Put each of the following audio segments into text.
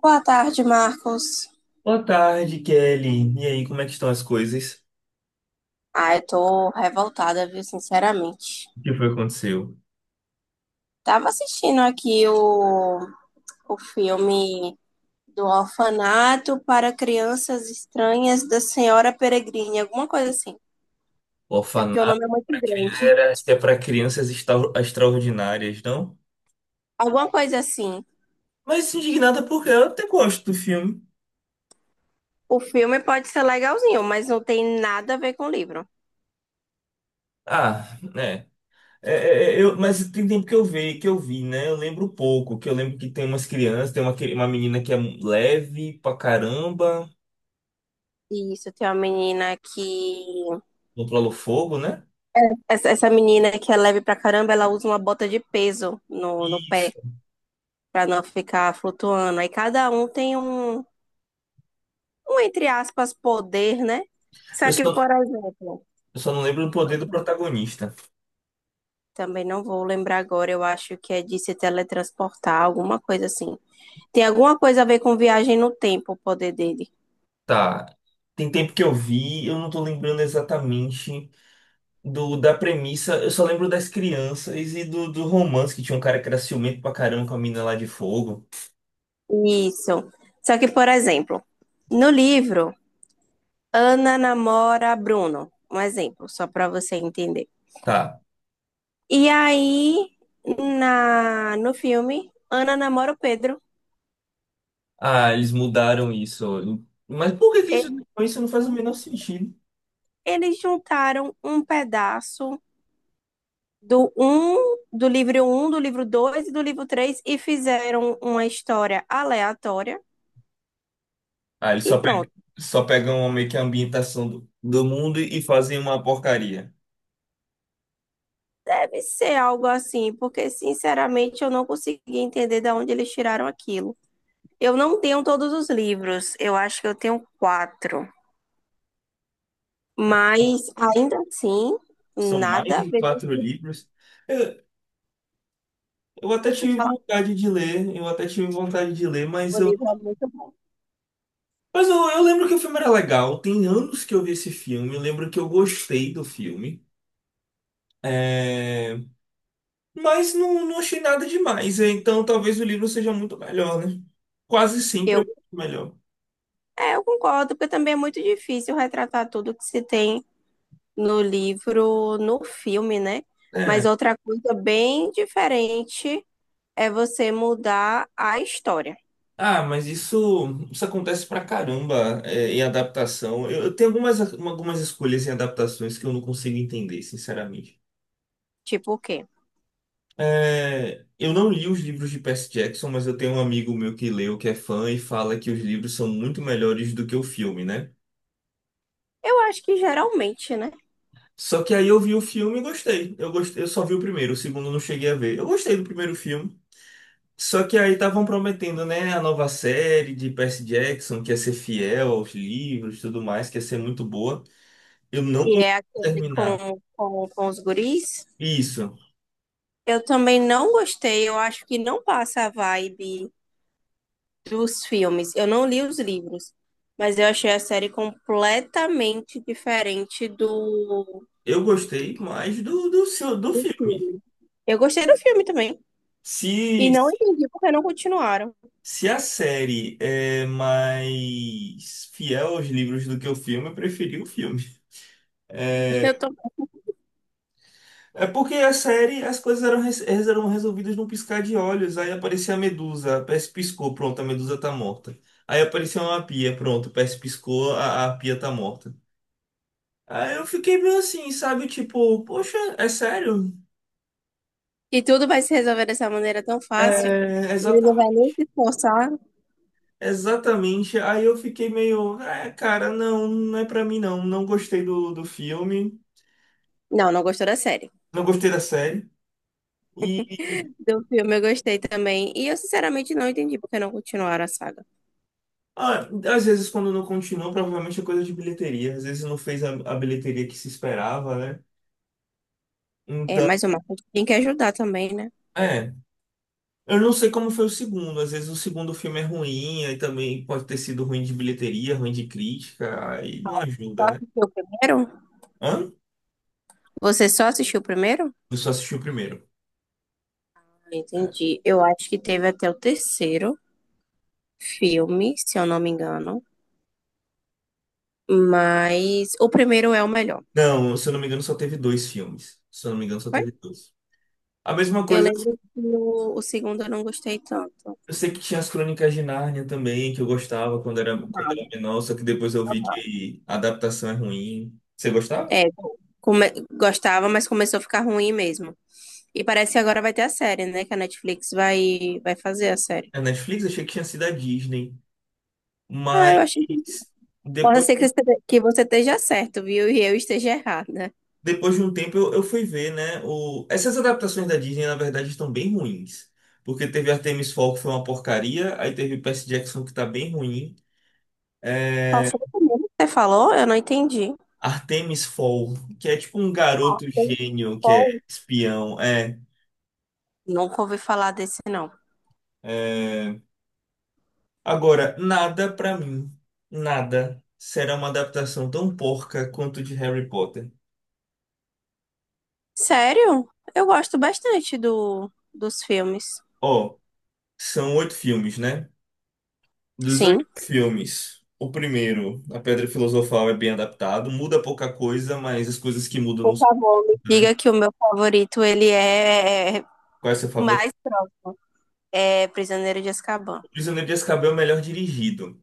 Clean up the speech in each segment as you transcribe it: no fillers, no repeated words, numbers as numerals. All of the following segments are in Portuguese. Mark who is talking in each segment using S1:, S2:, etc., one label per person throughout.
S1: Boa tarde, Marcos.
S2: Boa tarde, Kelly. E aí, como é que estão as coisas?
S1: Ah, eu tô revoltada, viu, sinceramente.
S2: O que foi que aconteceu?
S1: Tava assistindo aqui o filme do Orfanato para Crianças Estranhas da Senhora Peregrine, alguma coisa assim.
S2: O
S1: É porque o nome
S2: orfanato
S1: é muito
S2: para
S1: grande.
S2: crianças é para crianças extraordinárias, não?
S1: Alguma coisa assim.
S2: Mas indignada porque eu até gosto do filme.
S1: O filme pode ser legalzinho, mas não tem nada a ver com o livro.
S2: Ah, né? Mas tem tempo que eu vi, né? Eu lembro pouco, que eu lembro que tem umas crianças, uma menina que é leve pra caramba,
S1: Isso, tem uma menina que.
S2: controla o fogo, né?
S1: Essa menina que é leve pra caramba, ela usa uma bota de peso no pé,
S2: Isso.
S1: para não ficar flutuando. Aí cada um tem um, entre aspas, poder, né?
S2: Eu
S1: Só que,
S2: só,
S1: por exemplo,
S2: eu só não lembro do poder do protagonista.
S1: também não vou lembrar agora, eu acho que é de se teletransportar, alguma coisa assim. Tem alguma coisa a ver com viagem no tempo, o poder dele.
S2: Tá. Tem tempo que eu vi, eu não tô lembrando exatamente do da premissa. Eu só lembro das crianças e do romance que tinha um cara que era ciumento pra caramba com a mina lá de fogo.
S1: Isso. Só que, por exemplo, no livro, Ana namora Bruno. Um exemplo, só para você entender.
S2: Tá.
S1: E aí, no filme, Ana namora o Pedro.
S2: Ah, eles mudaram isso. Mas por que que isso,
S1: Ele
S2: isso não faz o menor sentido?
S1: eles juntaram um pedaço do um, do livro um, do livro 2 e do livro 3 e fizeram uma história aleatória
S2: Ah, eles
S1: e
S2: só pegam,
S1: pronto.
S2: só pegam meio que a ambientação do mundo e fazem uma porcaria.
S1: Deve ser algo assim, porque sinceramente eu não consegui entender de onde eles tiraram aquilo. Eu não tenho todos os livros, eu acho que eu tenho quatro, mas ainda assim,
S2: São mais
S1: nada a
S2: de
S1: ver.
S2: quatro livros. Eu, eu até
S1: Pode
S2: tive
S1: falar,
S2: vontade de ler, mas
S1: o
S2: eu.
S1: livro é muito bom.
S2: Mas eu lembro que o filme era legal. Tem anos que eu vi esse filme. Eu lembro que eu gostei do filme. É. Mas não, não achei nada demais. Então talvez o livro seja muito melhor, né? Quase sempre é
S1: Eu,
S2: muito melhor.
S1: eu concordo, porque também é muito difícil retratar tudo que se tem no livro, no filme, né? Mas
S2: É.
S1: outra coisa bem diferente é você mudar a história.
S2: Ah, mas isso acontece pra caramba, em adaptação. Eu tenho algumas escolhas em adaptações que eu não consigo entender, sinceramente.
S1: Tipo o quê?
S2: Eu não li os livros de Percy Jackson, mas eu tenho um amigo meu que leu, que é fã, e fala que os livros são muito melhores do que o filme, né?
S1: Eu acho que geralmente, né?
S2: Só que aí eu vi o filme e gostei. Eu gostei, eu só vi o primeiro, o segundo eu não cheguei a ver. Eu gostei do primeiro filme. Só que aí estavam prometendo, né, a nova série de Percy Jackson, que ia ser fiel aos livros e tudo mais, que ia ser muito boa. Eu não
S1: Que
S2: consegui
S1: é aquele
S2: terminar.
S1: com os guris.
S2: Isso.
S1: Eu também não gostei, eu acho que não passa a vibe dos filmes. Eu não li os livros, mas eu achei a série completamente diferente do
S2: Eu gostei mais do filme.
S1: filme. Eu gostei do filme também. E
S2: Se,
S1: não entendi porque não continuaram.
S2: se a série é mais fiel aos livros do que o filme, eu preferi o filme. É,
S1: Eu tô
S2: É porque a série, as coisas eram resolvidas num piscar de olhos. Aí aparecia a Medusa, a Percy piscou, pronto, a Medusa tá morta. Aí apareceu uma pia, pronto, a Percy piscou, a pia tá morta. Aí eu fiquei meio assim, sabe? Tipo, poxa, é sério?
S1: que tudo vai se resolver dessa maneira tão fácil.
S2: É,
S1: Ele não vai
S2: exatamente.
S1: nem se esforçar.
S2: Exatamente. Aí eu fiquei meio, cara, não, não é pra mim não. Não gostei do filme,
S1: Não, não gostou da série.
S2: não gostei da série.
S1: Do filme eu gostei também. E eu, sinceramente, não entendi porque não continuaram a saga.
S2: Ah, às vezes quando não continuou, provavelmente é coisa de bilheteria. Às vezes não fez a bilheteria que se esperava, né?
S1: É,
S2: Então,
S1: mas o Marcos tem que ajudar também, né?
S2: é. Eu não sei como foi o segundo. Às vezes o segundo filme é ruim, aí também pode ter sido ruim de bilheteria, ruim de crítica, aí não ajuda, né?
S1: Porque o primeiro?
S2: Hã?
S1: Você só assistiu o primeiro?
S2: Eu só assisti o primeiro. É.
S1: Entendi. Eu acho que teve até o 3º filme, se eu não me engano. Mas o primeiro é o melhor.
S2: Não, se eu não me engano, só teve dois filmes. Se eu não me engano, só
S1: Foi?
S2: teve dois. A mesma
S1: Eu
S2: coisa,
S1: lembro que o segundo eu não gostei tanto.
S2: eu sei que tinha as Crônicas de Nárnia também, que eu gostava quando era menor, só que depois eu vi que a adaptação é ruim. Você gostava?
S1: É, come- gostava, mas começou a ficar ruim mesmo. E parece que agora vai ter a série, né? Que a Netflix vai fazer a série.
S2: A Netflix, achei que tinha sido a Disney.
S1: Ah,
S2: Mas
S1: eu acho que pode
S2: depois,
S1: ser que você esteja certo, viu? E eu esteja errada.
S2: depois de um tempo eu fui ver, né? Essas adaptações da Disney, na verdade, estão bem ruins. Porque teve Artemis Fowl, que foi uma porcaria, aí teve Percy Jackson, que tá bem ruim.
S1: Qual
S2: É,
S1: foi o primeiro que você falou? Eu não entendi.
S2: Artemis Fowl, que é tipo um garoto gênio que é
S1: Paul.
S2: espião. É,
S1: Nunca ouvi falar desse, não.
S2: é. Agora, nada pra mim, nada será uma adaptação tão porca quanto de Harry Potter.
S1: Sério? Eu gosto bastante dos filmes.
S2: Ó, são oito filmes, né? Dos oito
S1: Sim.
S2: filmes, o primeiro, A Pedra Filosofal, é bem adaptado, muda pouca coisa, mas as coisas que mudam não
S1: Por
S2: são
S1: favor, me diga
S2: grandes.
S1: que o meu favorito, ele é
S2: Qual é o seu favorito?
S1: mais próximo. É Prisioneiro de Azkaban.
S2: O Prisioneiro de Azkaban é o melhor dirigido.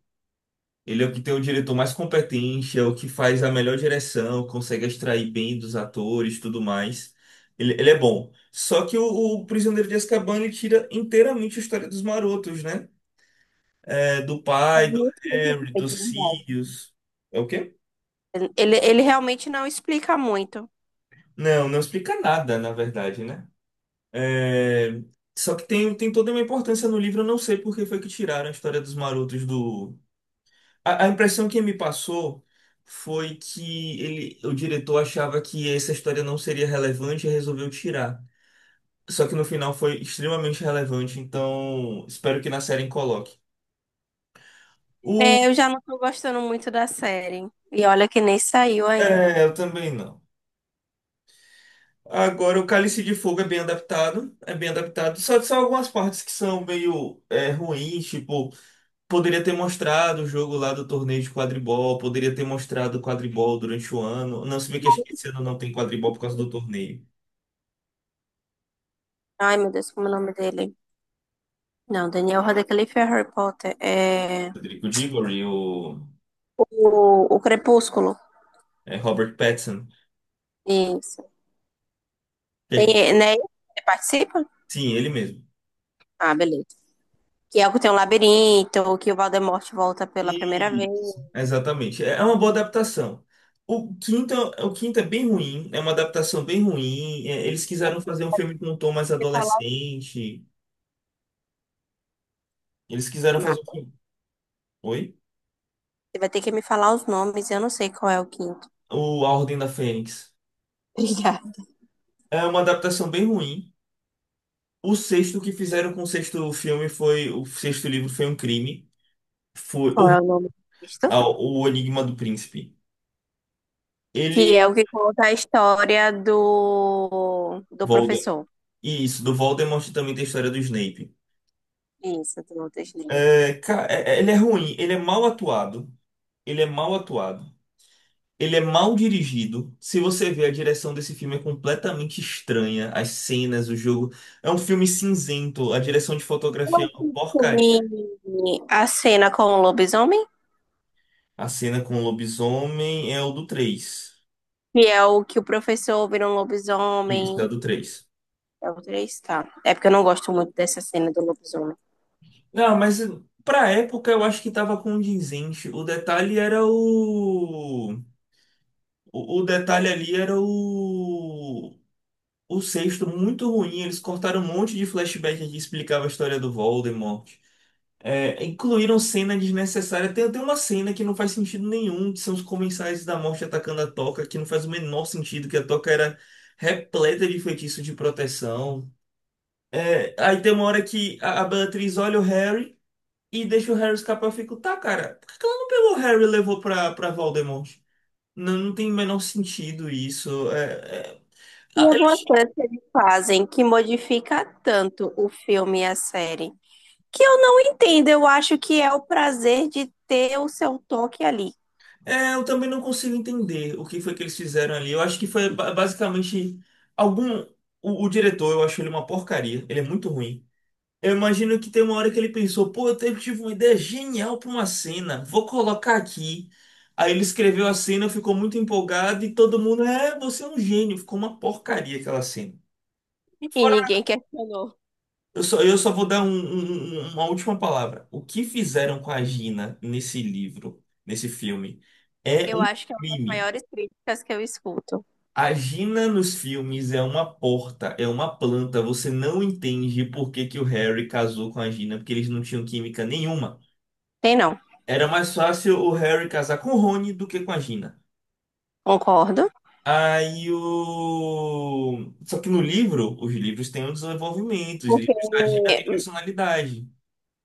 S2: Ele é o que tem o diretor mais competente, é o que faz a melhor direção, consegue extrair bem dos atores, tudo mais. Ele é bom. Só que o Prisioneiro de Azkaban ele tira inteiramente a história dos marotos, né? É, do
S1: É
S2: pai, do
S1: muito bem
S2: Harry,
S1: feito,
S2: dos
S1: de verdade.
S2: Sirius. É o quê?
S1: Ele realmente não explica muito.
S2: Não, não explica nada, na verdade, né? É, Só que tem toda uma importância no livro, eu não sei por que foi que tiraram a história dos marotos do. A impressão que me passou foi que ele, o diretor achava que essa história não seria relevante e resolveu tirar. Só que no final foi extremamente relevante, então espero que na série coloque. O...
S1: É, eu já não tô gostando muito da série. E olha que nem saiu ainda.
S2: É, eu também não. Agora, o Cálice de Fogo é bem adaptado, é bem adaptado. Só algumas partes que são meio ruins, tipo. Poderia ter mostrado o jogo lá do torneio de quadribol, poderia ter mostrado o quadribol durante o ano. Não, se bem que acho que esse ano não tem quadribol por causa do torneio.
S1: Ai, meu Deus, como é o nome dele? Não, Daniel Radcliffe é Harry Potter. É
S2: Rodrigo Diggory,
S1: o Crepúsculo.
S2: Robert Pattinson.
S1: Isso.
S2: É que-
S1: Tem, né? Ele participa?
S2: Sim, ele mesmo.
S1: Ah, beleza. Que é o que tem um labirinto, que o Voldemort volta pela primeira
S2: E
S1: vez. Você
S2: exatamente. É uma boa adaptação. O quinto é bem ruim, é uma adaptação bem ruim. Eles quiseram fazer um filme com um tom mais
S1: falar
S2: adolescente. Eles quiseram
S1: o
S2: fazer um
S1: mapa.
S2: filme. Oi?
S1: Você vai ter que me falar os nomes, eu não sei qual é o quinto.
S2: O A Ordem da Fênix.
S1: Obrigada.
S2: É uma adaptação bem ruim. O sexto que fizeram com o sexto filme foi. O sexto livro foi um crime. Foi
S1: Qual é
S2: horrível.
S1: o nome disso?
S2: Ah, o Enigma do Príncipe.
S1: Que
S2: Ele.
S1: é o que conta a história do
S2: Voldemort.
S1: professor.
S2: E isso, do Voldemort também tem a história do Snape.
S1: Isso, do Walter.
S2: Ele é ruim, ele é mal atuado. Ele é mal atuado. Ele é mal dirigido. Se você vê, a direção desse filme é completamente estranha. As cenas, o jogo. É um filme cinzento. A direção de
S1: Qual
S2: fotografia é uma
S1: que
S2: porcaria.
S1: tem a cena com o lobisomem?
S2: A cena com o lobisomem é o do três.
S1: Que é o que o professor vira um
S2: Isso, é
S1: lobisomem.
S2: o do três.
S1: É o 3, tá. É porque eu não gosto muito dessa cena do lobisomem.
S2: Não, mas pra época eu acho que tava condizente. O detalhe era o. O detalhe ali era o. O sexto muito ruim. Eles cortaram um monte de flashback que explicava a história do Voldemort. Incluíram cena desnecessária. Tem uma cena que não faz sentido nenhum, que são os comensais da morte atacando a Toca, que não faz o menor sentido, que a Toca era repleta de feitiço de proteção. Aí tem uma hora que a Beatriz olha o Harry e deixa o Harry escapar. Eu fico, tá, cara, por que que ela não pegou o Harry e levou pra Voldemort? Não, não tem o menor sentido isso.
S1: E
S2: A-
S1: algumas
S2: eles-
S1: coisas que eles fazem que modifica tanto o filme e a série. Que eu não entendo. Eu acho que é o prazer de ter o seu toque ali.
S2: eu também não consigo entender o que foi que eles fizeram ali. Eu acho que foi basicamente algum. O diretor, eu acho ele uma porcaria. Ele é muito ruim. Eu imagino que tem uma hora que ele pensou, pô, eu tive uma ideia genial pra uma cena, vou colocar aqui. Aí ele escreveu a cena, ficou muito empolgado e todo mundo, você é um gênio. Ficou uma porcaria aquela cena.
S1: E ninguém questionou.
S2: Eu só vou dar uma última palavra. O que fizeram com a Gina nesse livro, nesse filme, é
S1: Eu
S2: um
S1: acho que é uma das
S2: crime.
S1: maiores críticas que eu escuto.
S2: A Gina nos filmes é uma porta, é uma planta. Você não entende por que que o Harry casou com a Gina, porque eles não tinham química nenhuma.
S1: Tem não.
S2: Era mais fácil o Harry casar com o Rony do que com a Gina.
S1: Concordo.
S2: Aí o. Só que no livro, os livros têm um desenvolvimento, os
S1: Porque
S2: livros da Gina têm personalidade.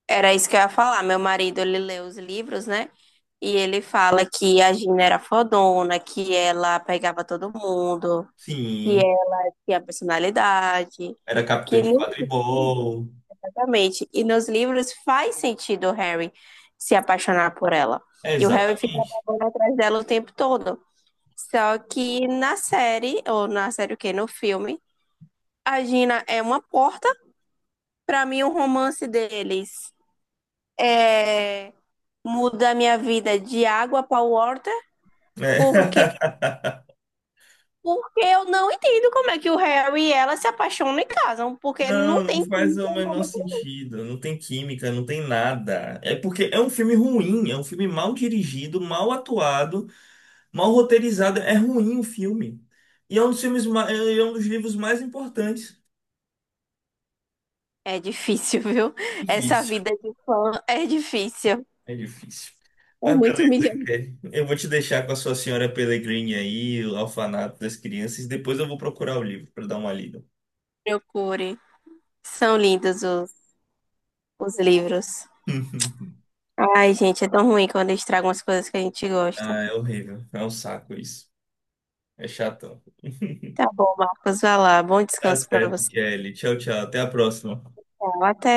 S1: era isso que eu ia falar. Meu marido, ele lê os livros, né? E ele fala que a Gina era fodona, que ela pegava todo mundo, que
S2: Sim.
S1: ela tinha personalidade,
S2: Era capitão
S1: que
S2: de
S1: nos livros,
S2: quadribol.
S1: exatamente. E nos livros faz sentido o Harry se apaixonar por ela.
S2: É,
S1: E o Harry fica
S2: exatamente.
S1: babando atrás dela o tempo todo. Só que na série, ou na série o quê? No filme, a Gina é uma porta. Pra mim, o romance deles é muda a minha vida de água para water, porque
S2: É.
S1: porque eu não entendo como é que o Harry e ela se apaixonam e casam, porque não
S2: Não, não
S1: tem
S2: faz
S1: como
S2: o
S1: ter um
S2: menor
S1: momento.
S2: sentido. Não tem química, não tem nada. É porque é um filme ruim, é um filme mal dirigido, mal atuado, mal roteirizado. É ruim o filme. E é um dos livros mais importantes.
S1: É difícil, viu? Essa
S2: Difícil,
S1: vida de fã é difícil.
S2: é difícil.
S1: É
S2: Mas
S1: muito
S2: beleza,
S1: humilhante.
S2: Kelly. Eu vou te deixar com a sua Senhora Pellegrini aí, o Orfanato das Crianças. Depois eu vou procurar o livro para dar uma lida.
S1: Procure. São lindos os livros. Ai, gente, é tão ruim quando estragam as coisas que a gente gosta.
S2: Ah, é horrível. É um saco isso. É chato.
S1: Tá bom, Marcos, vai lá. Bom
S2: Tá
S1: descanso para
S2: certo,
S1: você.
S2: Kelly. Tchau, tchau. Até a próxima.
S1: Tchau, até.